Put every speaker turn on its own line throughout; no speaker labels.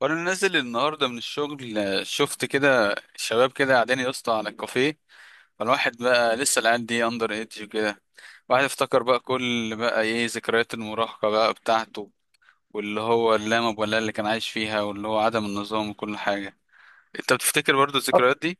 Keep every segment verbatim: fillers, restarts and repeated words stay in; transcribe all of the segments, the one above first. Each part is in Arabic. وانا نازل النهارده من الشغل، آه، شفت كده شباب كده قاعدين يا اسطى على الكافيه. فالواحد بقى لسه العيال دي اندر ايدج وكده. واحد افتكر بقى كل بقى ايه ذكريات المراهقه بقى بتاعته، واللي هو اللامب ولا اللي كان عايش فيها واللي هو عدم النظام وكل حاجه. انت بتفتكر برضو
آه،
الذكريات دي؟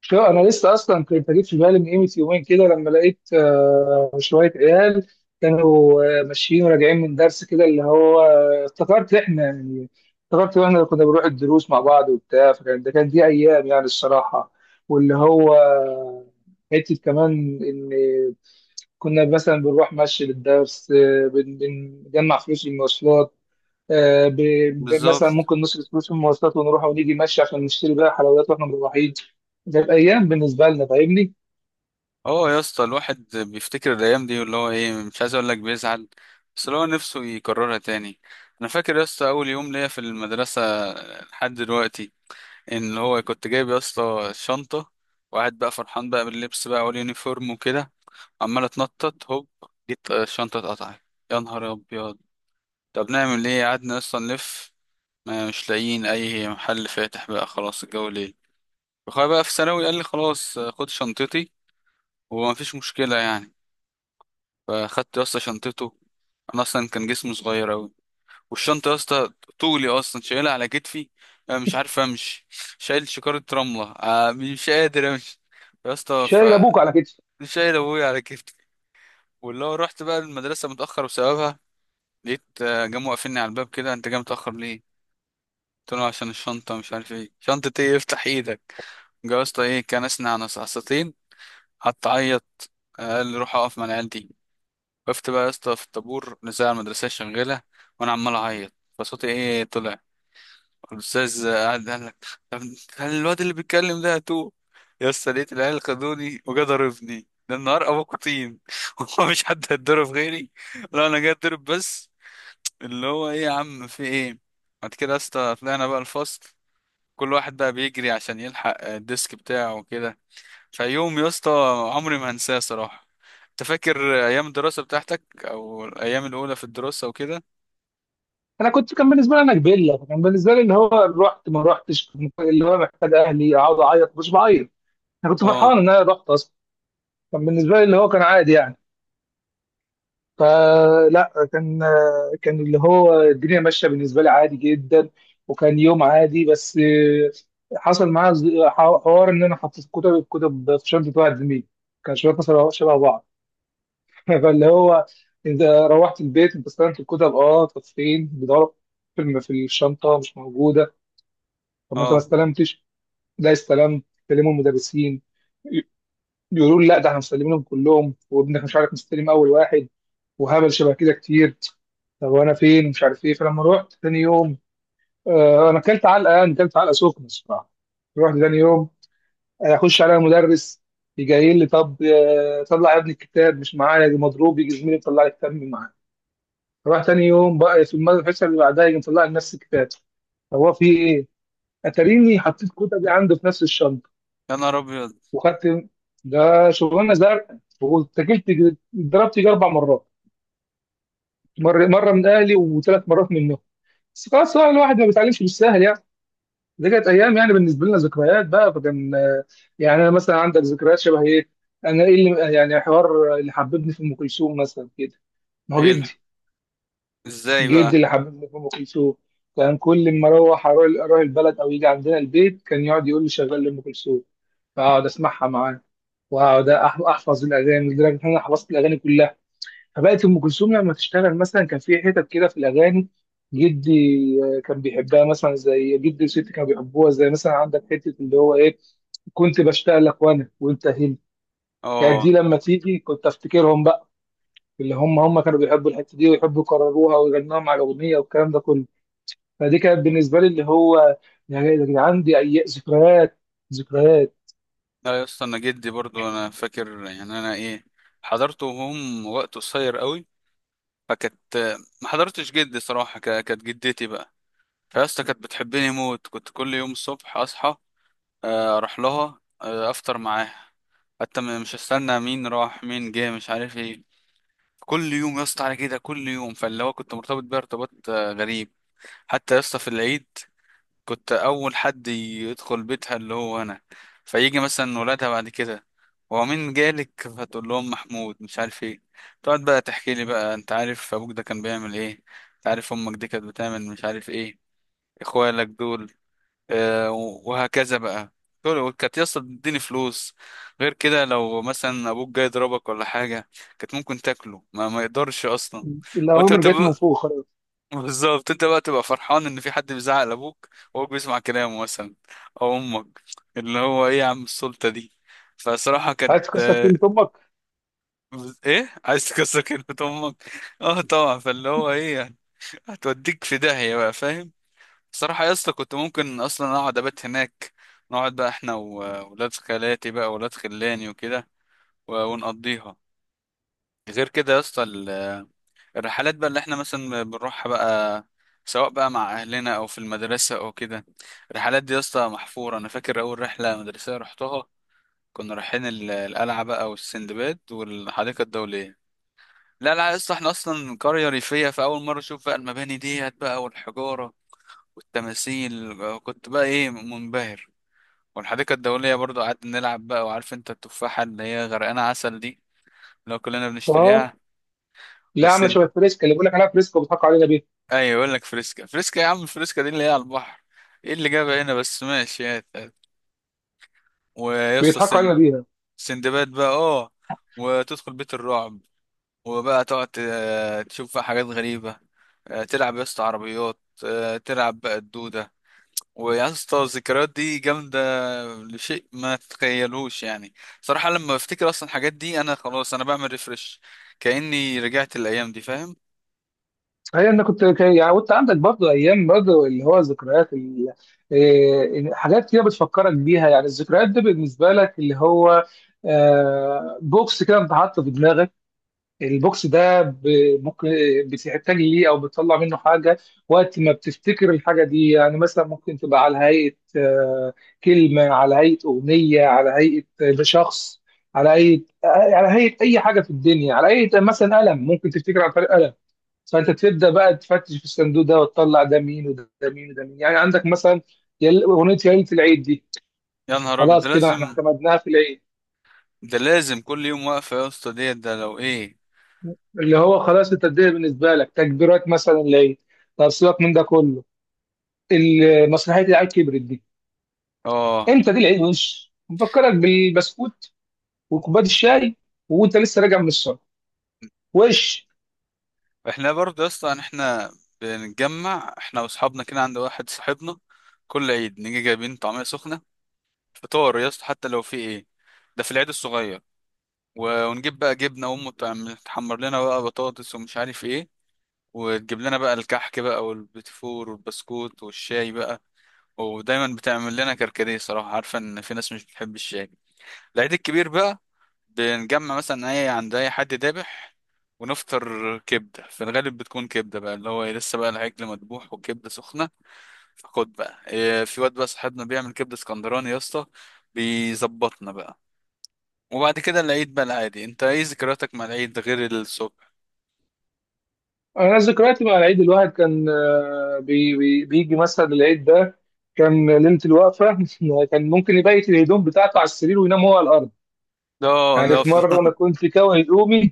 شو انا لسه اصلا كنت جيت في بالي من قيمه يومين كده لما لقيت آه، شويه عيال كانوا آه، ماشيين وراجعين من درس كده اللي هو آه، افتكرت احنا يعني افتكرت احنا اللي كنا بنروح الدروس مع بعض وبتاع فكان ده كان دي ايام يعني الصراحه واللي هو آه، حته كمان ان كنا مثلا بنروح مشي للدرس آه، بن- بنجمع فلوس المواصلات، آه، ب- ب- مثلا
بالظبط.
ممكن نصرف فلوس في المواصلات ونروح ونيجي مشي عشان نشتري بقى حلويات واحنا مروحين. جت ايام بالنسبه لنا فاهمني.
اه يا اسطى، الواحد بيفتكر الايام دي واللي هو ايه مش عايز اقول لك بيزعل، بس اللي هو نفسه يكررها تاني. انا فاكر يا اسطى اول يوم ليا في المدرسه لحد دلوقتي. ان هو كنت جايب يا اسطى شنطه، وقاعد بقى فرحان بقى باللبس بقى واليونيفورم وكده، عمال اتنطط هوب. جيت آه، الشنطه اتقطعت. يا نهار ابيض. طب نعمل ايه؟ قعدنا اصلا نلف، ما مش لاقيين اي محل فاتح بقى، خلاص الجو ليل. اخويا بقى في ثانوي قال لي خلاص، آه، خد شنطتي، وما فيش مشكله يعني. فاخدت يا اسطى شنطته. انا اصلا كان جسمي صغير اوي، والشنطة يا اسطى طولي أصلا، شايلها على كتفي، أنا مش عارف أمشي. شايل شكارة رملة، آه، مش قادر أمشي يا اسطى ف
شايل ابوك على كتفي.
شايل أبويا على كتفي. واللي هو رحت بقى المدرسة متأخر بسببها. لقيت آه، جم واقفيني على الباب كده. أنت جاي متأخر ليه؟ قلت له عشان الشنطة مش عارف ايه. شنطة ايه؟ افتح ايدك. جا يا اسطى ايه، كان أسنع نصعصتين، حط عيط. آه، قال لي روح أقف مع العيال دي. وقفت بقى يا اسطى في الطابور، الإذاعة المدرسية شغالة، وأنا عمال أعيط فصوتي ايه طلع. الاستاذ قعد قال لك، طب هل الواد اللي بيتكلم ده تو. يا اسطى لقيت العيال خدوني وجا ضربني، ده النهار ابوكوا طين. هو مش حد هيتضرب غيري؟ لا انا جاي اتضرب بس. اللي هو ايه يا عم، في ايه؟ بعد كده يا اسطى طلعنا بقى الفصل، كل واحد بقى بيجري عشان يلحق الديسك بتاعه وكده. فيوم يا اسطى عمري ما هنساه صراحة. انت فاكر ايام الدراسة بتاعتك او الايام الاولى في الدراسة وكده؟
انا كنت كان بالنسبه لي انا كبيله فكان بالنسبه لي اللي هو رحت ما رحتش، اللي هو محتاج اهلي اقعد اعيط مش بعيط. انا كنت فرحان
اه.
ان انا رحت اصلا، كان بالنسبه لي اللي هو كان عادي يعني. فلا كان كان اللي هو الدنيا ماشيه بالنسبه لي عادي جدا، وكان يوم عادي. بس حصل معايا ز- حوار ان انا حطيت كتب الكتب في شنطه واحد زميلي كان شويه مثلا شبه بعض. فاللي هو انت روحت البيت انت استلمت الكتب، اه طب فين بيدوروا، في في الشنطه مش موجوده. طب ما انت ما
اه.
استلمتش؟ لا استلمت. كلموا المدرسين، يقولوا لي لا ده احنا مستلمينهم كلهم وابنك مش عارف مستلم اول واحد وهبل شبه كده كتير. طب وانا فين مش عارف ايه. فلما رحت تاني يوم، آه انا اكلت علقه، يعني اكلت علقه سخنه الصراحه. رحت تاني يوم، آه، اخش على المدرس يجي لي طب، آه، طلع يا ابني الكتاب مش معايا، دي مضروب يجي زميلي يطلع لي الكتاب من معايا. رحت تاني يوم بقى في المد- الحصه اللي بعدها يجي مطلع لي نفس الكتاب. طب هو في ايه؟ اتاريني حطيت الكتب دي عنده في نفس الشنطه
يا نهار ابيض.
وخدت. ده شغلانه زرقاء واتكلت. اتضربت يجي اربع مرات، مره مره من اهلي وثلاث مرات منهم. بس خلاص بقى الواحد ما بيتعلمش بالسهل يعني. دي كانت ايام يعني بالنسبه لنا ذكريات بقى، فكان آه، يعني انا مثلا عندك ذكريات شبه ايه؟ انا ايه اللي يعني حوار اللي حببني في ام كلثوم مثلا كده؟ ما هو
ايه الح-
جدي.
ازاي
جدي
بقى؟
اللي حببني في ام كلثوم. كان كل ما اروح اروح أروح البلد او يجي عندنا البيت كان يقعد يقول لي شغال لي ام كلثوم، فاقعد اسمعها معاه واقعد أح- احفظ الاغاني، لدرجه ان انا حفظت الاغاني كلها. فبقت ام كلثوم لما تشتغل مثلا كان في حتت كده في الاغاني جدي آه، كان بيحبها، مثلا زي جدي وستي كانوا بيحبوها، زي مثلا عندك حته اللي هو ايه: كنت بشتاق لك وانا وانت هنا. كانت دي
اه.
لما تيجي كنت افتكرهم بقى، اللي هم هم كانوا بيحبوا الحته دي ويحبوا يكرروها ويغنوها مع الاغنيه والكلام ده كله. فدي كانت بالنسبه لي اللي هو، يعني يا جدعان دي اي ذكريات، ذكريات.
لا يا اسطى، انا جدي برضو، انا فاكر يعني انا ايه حضرته وهم وقت قصير قوي. فكانت، ما حضرتش جدي صراحه. ك- كانت جدتي بقى. فيا اسطى كانت بتحبني موت. كنت كل يوم الصبح اصحى، آه، اروح لها، آه، افطر معاها. حتى م- مش هستنى مين راح مين جه مش عارف ايه. كل يوم يا اسطى على كده، كل يوم. فاللي هو كنت مرتبط بيها ارتباط آه، غريب. حتى يا اسطى في العيد كنت اول حد يدخل بيتها، اللي هو انا. فيجي مثلا ولادها بعد كده: هو مين جالك؟ فتقول لهم محمود مش عارف ايه. تقعد بقى تحكي لي بقى: انت عارف ابوك ده كان بيعمل ايه؟ انت عارف امك دي كانت بتعمل مش عارف ايه؟ اخوالك دول. آه وهكذا بقى. دول كانت يسطا تديني فلوس. غير كده لو مثلا ابوك جاي يضربك ولا حاجه، كانت ممكن تاكله. ما, ما يقدرش اصلا.
اللي هو
وانت
من جت من
بتبقى،
فوق خلاص.
بالظبط، انت بقى تبقى فرحان ان في حد بيزعق لابوك وهو بيسمع كلامه مثلا، او امك. اللي هو ايه يا عم، السلطه دي. فصراحه كانت
عايز تكسر
آه،
كلمه امك.
ايه، عايز تكسر كلمه امك. اه طبعا. فاللي هو ايه يعني، هتوديك في داهيه بقى فاهم. صراحه يا اسطى كنت ممكن اصلا اقعد ابات هناك. نقعد بقى احنا وولاد خالاتي بقى ولاد خلاني وكده و- ونقضيها. غير كده يا اسطى الرحلات بقى اللي احنا مثلا بنروحها بقى، سواء بقى مع اهلنا او في المدرسه او كده، الرحلات دي يا اسطى محفوره. انا فاكر اول رحله مدرسيه رحتها، كنا رايحين ال- القلعه بقى والسندباد والحديقه الدوليه. لا لا يا اسطى احنا اصلا قريه ريفيه، فاول مره اشوف بقى المباني ديت بقى والحجاره والتماثيل. كنت بقى ايه منبهر. والحديقه الدوليه برضو قعدنا نلعب بقى. وعارف انت التفاحه اللي هي غرقانه عسل دي، اللي هو كلنا
اه.
بنشتريها.
لا عامله شبه فريسكا، اللي بيقول لك عليها فريسكا وبيضحكوا علينا بيها.
ايوه، يقول لك فريسكا، فريسكا يا عم، فريسكا دي اللي هي على البحر. ايه اللي جابها هنا بس؟ ماشي يا تقل. ويا اسطى
بيضحكوا
سن...
علينا بيها.
سندباد بقى، اه. وتدخل بيت الرعب، وبقى تقعد ت- تشوف بقى حاجات غريبة. آه، تلعب يا اسطى عربيات، آه، تلعب بقى الدودة. ويا اسطى الذكريات دي جامدة لشيء ما تتخيلوش يعني. صراحة لما بفتكر اصلا الحاجات دي، انا خلاص انا بعمل ريفرش، كأني رجعت الايام دي فاهم.
هي انا كنت كان- يعني وانت عندك برضه ايام برضه اللي هو ذكريات ال- إيه، حاجات كده بتفكرك بيها، يعني الذكريات دي بالنسبه لك اللي هو آه، بوكس كده بتحطه في دماغك، البوكس ده ب- ممكن بتحتاج ليه او بتطلع منه حاجه وقت ما بتفتكر الحاجه دي. يعني مثلا ممكن تبقى على هيئه آه، كلمه، على هيئه اغنيه، على هيئه شخص، على هيئه آه، على هيئه اي حاجه في الدنيا، على هيئه مثلا قلم ممكن تفتكر عن طريق قلم. فانت تبدا بقى تفتش في الصندوق ده وتطلع ده مين وده مين وده مين. يعني عندك مثلا يل- اغنيه يا ليله العيد دي،
يا نهار ابيض، ده
خلاص كده احنا
لازم.
اعتمدناها في العيد.
ده لازم كل يوم واقفة يا اسطى ديت، ده لو ايه.
اللي هو خلاص انت الدنيا بالنسبه لك تكبيرات مثلا العيد. طب سيبك من ده كله، ال- مسرحيه العيد كبرت دي،
اه.
امتى دي؟ العيد وش مفكرك بالبسكوت وكوبايه الشاي وانت لسه راجع من الصلاه وش.
احنا برضه اصلا احنا بنتجمع احنا واصحابنا كده عند واحد صاحبنا. كل عيد نيجي جايبين طعمية سخنة، فطار يا اسطى حتى لو في ايه. ده في العيد الصغير. و- ونجيب بقى جبنة، وامه تعمل تحمر لنا بقى بطاطس ومش عارف ايه، وتجيب لنا بقى الكحك بقى والبتفور والبسكوت والشاي بقى، ودايما بتعمل لنا كركديه، صراحة عارفة ان في ناس مش بتحب الشاي. العيد الكبير بقى، بنجمع مثلا اي عند اي حد ذابح ونفطر كبده. في الغالب بتكون كبده بقى، اللي هو إيه، لسه بقى العجل مذبوح والكبده سخنه. فخد بقى إيه، في واد بقى صاحبنا بيعمل كبده اسكندراني يا اسطى، بيظبطنا بقى. وبعد كده العيد بقى العادي. انت ايه ذكرياتك مع العيد غير الصبح؟
انا ذكرياتي مع العيد الواحد كان آه، بي بي بيجي مثلا العيد ده كان ليله الوقفه. كان ممكن يبيت الهدوم بتاعته على السرير وينام هو على الارض،
ده آه،
يعني
ده
في مره انا
أفضل.
كنت كاوي هدومي،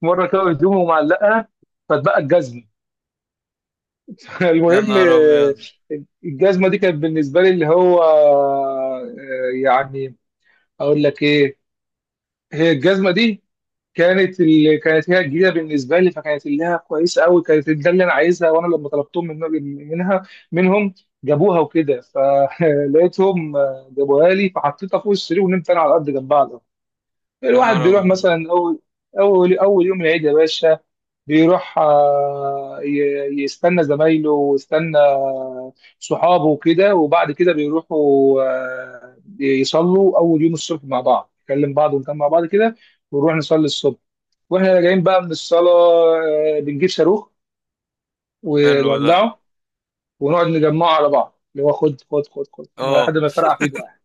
في مره كاوي هدومي ومعلقها فاتبقى الجزمه.
يا
المهم
نهار
آه،
ابيض.
الجزمه دي كانت بالنسبه لي اللي هو آه، يعني اقول لك ايه، هي الجزمه دي كانت ال... كانت هي الجديده بالنسبه لي، فكانت اللي هي كويسه قوي، كانت ده اللي انا عايزها. وانا لما طلبتهم من... منها منهم جابوها وكده، فلقيتهم جابوها لي، فحطيتها فوق السرير ونمت انا على الارض جنبها على الأرض.
يا
الواحد
نهار
بيروح
ابيض.
مثلا اول اول اول يوم العيد يا باشا بيروح، آه، ي- يستنى زمايله ويستنى صحابه وكده، وبعد كده بيروحوا آه، يصلوا اول يوم الصبح مع بعض، نكلم بعض ونكلم مع بعض كده، ونروح نصلي الصبح. واحنا راجعين بقى من الصلاه آه، بنجيب صاروخ
حلو ده.
ونولعه، ونقعد نجمعه على بعض اللي هو خد خد خد خد لحد
اه.
ما يفرقع في ايده يعني.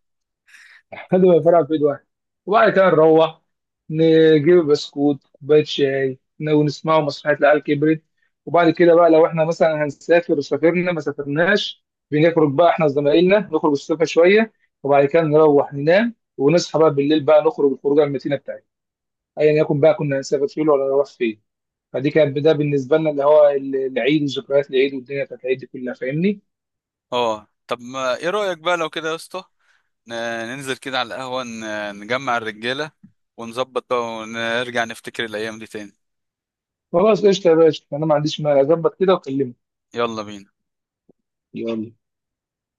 لحد ما الفرع في ايد واحد. وبعد كده نروح نجيب بسكوت كوبايه شاي ن- ونسمعوا مسرحيه العيال كبرت. وبعد كده بقى لو احنا مثلا هنسافر وسافرنا ما سافرناش، بنخرج بقى احنا وزمايلنا نخرج الصبح شويه، وبعد كده نروح ننام ونصحى بقى بالليل بقى نخرج الخروجه المتينه بتاعتنا، ايا يكن بقى كنا هنسافر فين ولا نروح فين. فدي كانت ده بالنسبه لنا اللي هو ال- العيد وذكريات العيد والدنيا بتاعت العيد دي كلها فاهمني.
اه طب ما ايه رايك بقى لو كده يا اسطى، ن- ننزل كده على القهوة، ن- نجمع الرجالة ونظبط بقى، ونرجع نفتكر الأيام دي تاني.
خلاص قشطه يا باشا، انا ما عنديش مانع اظبط كده واكلمك.
يلا بينا.
يلا.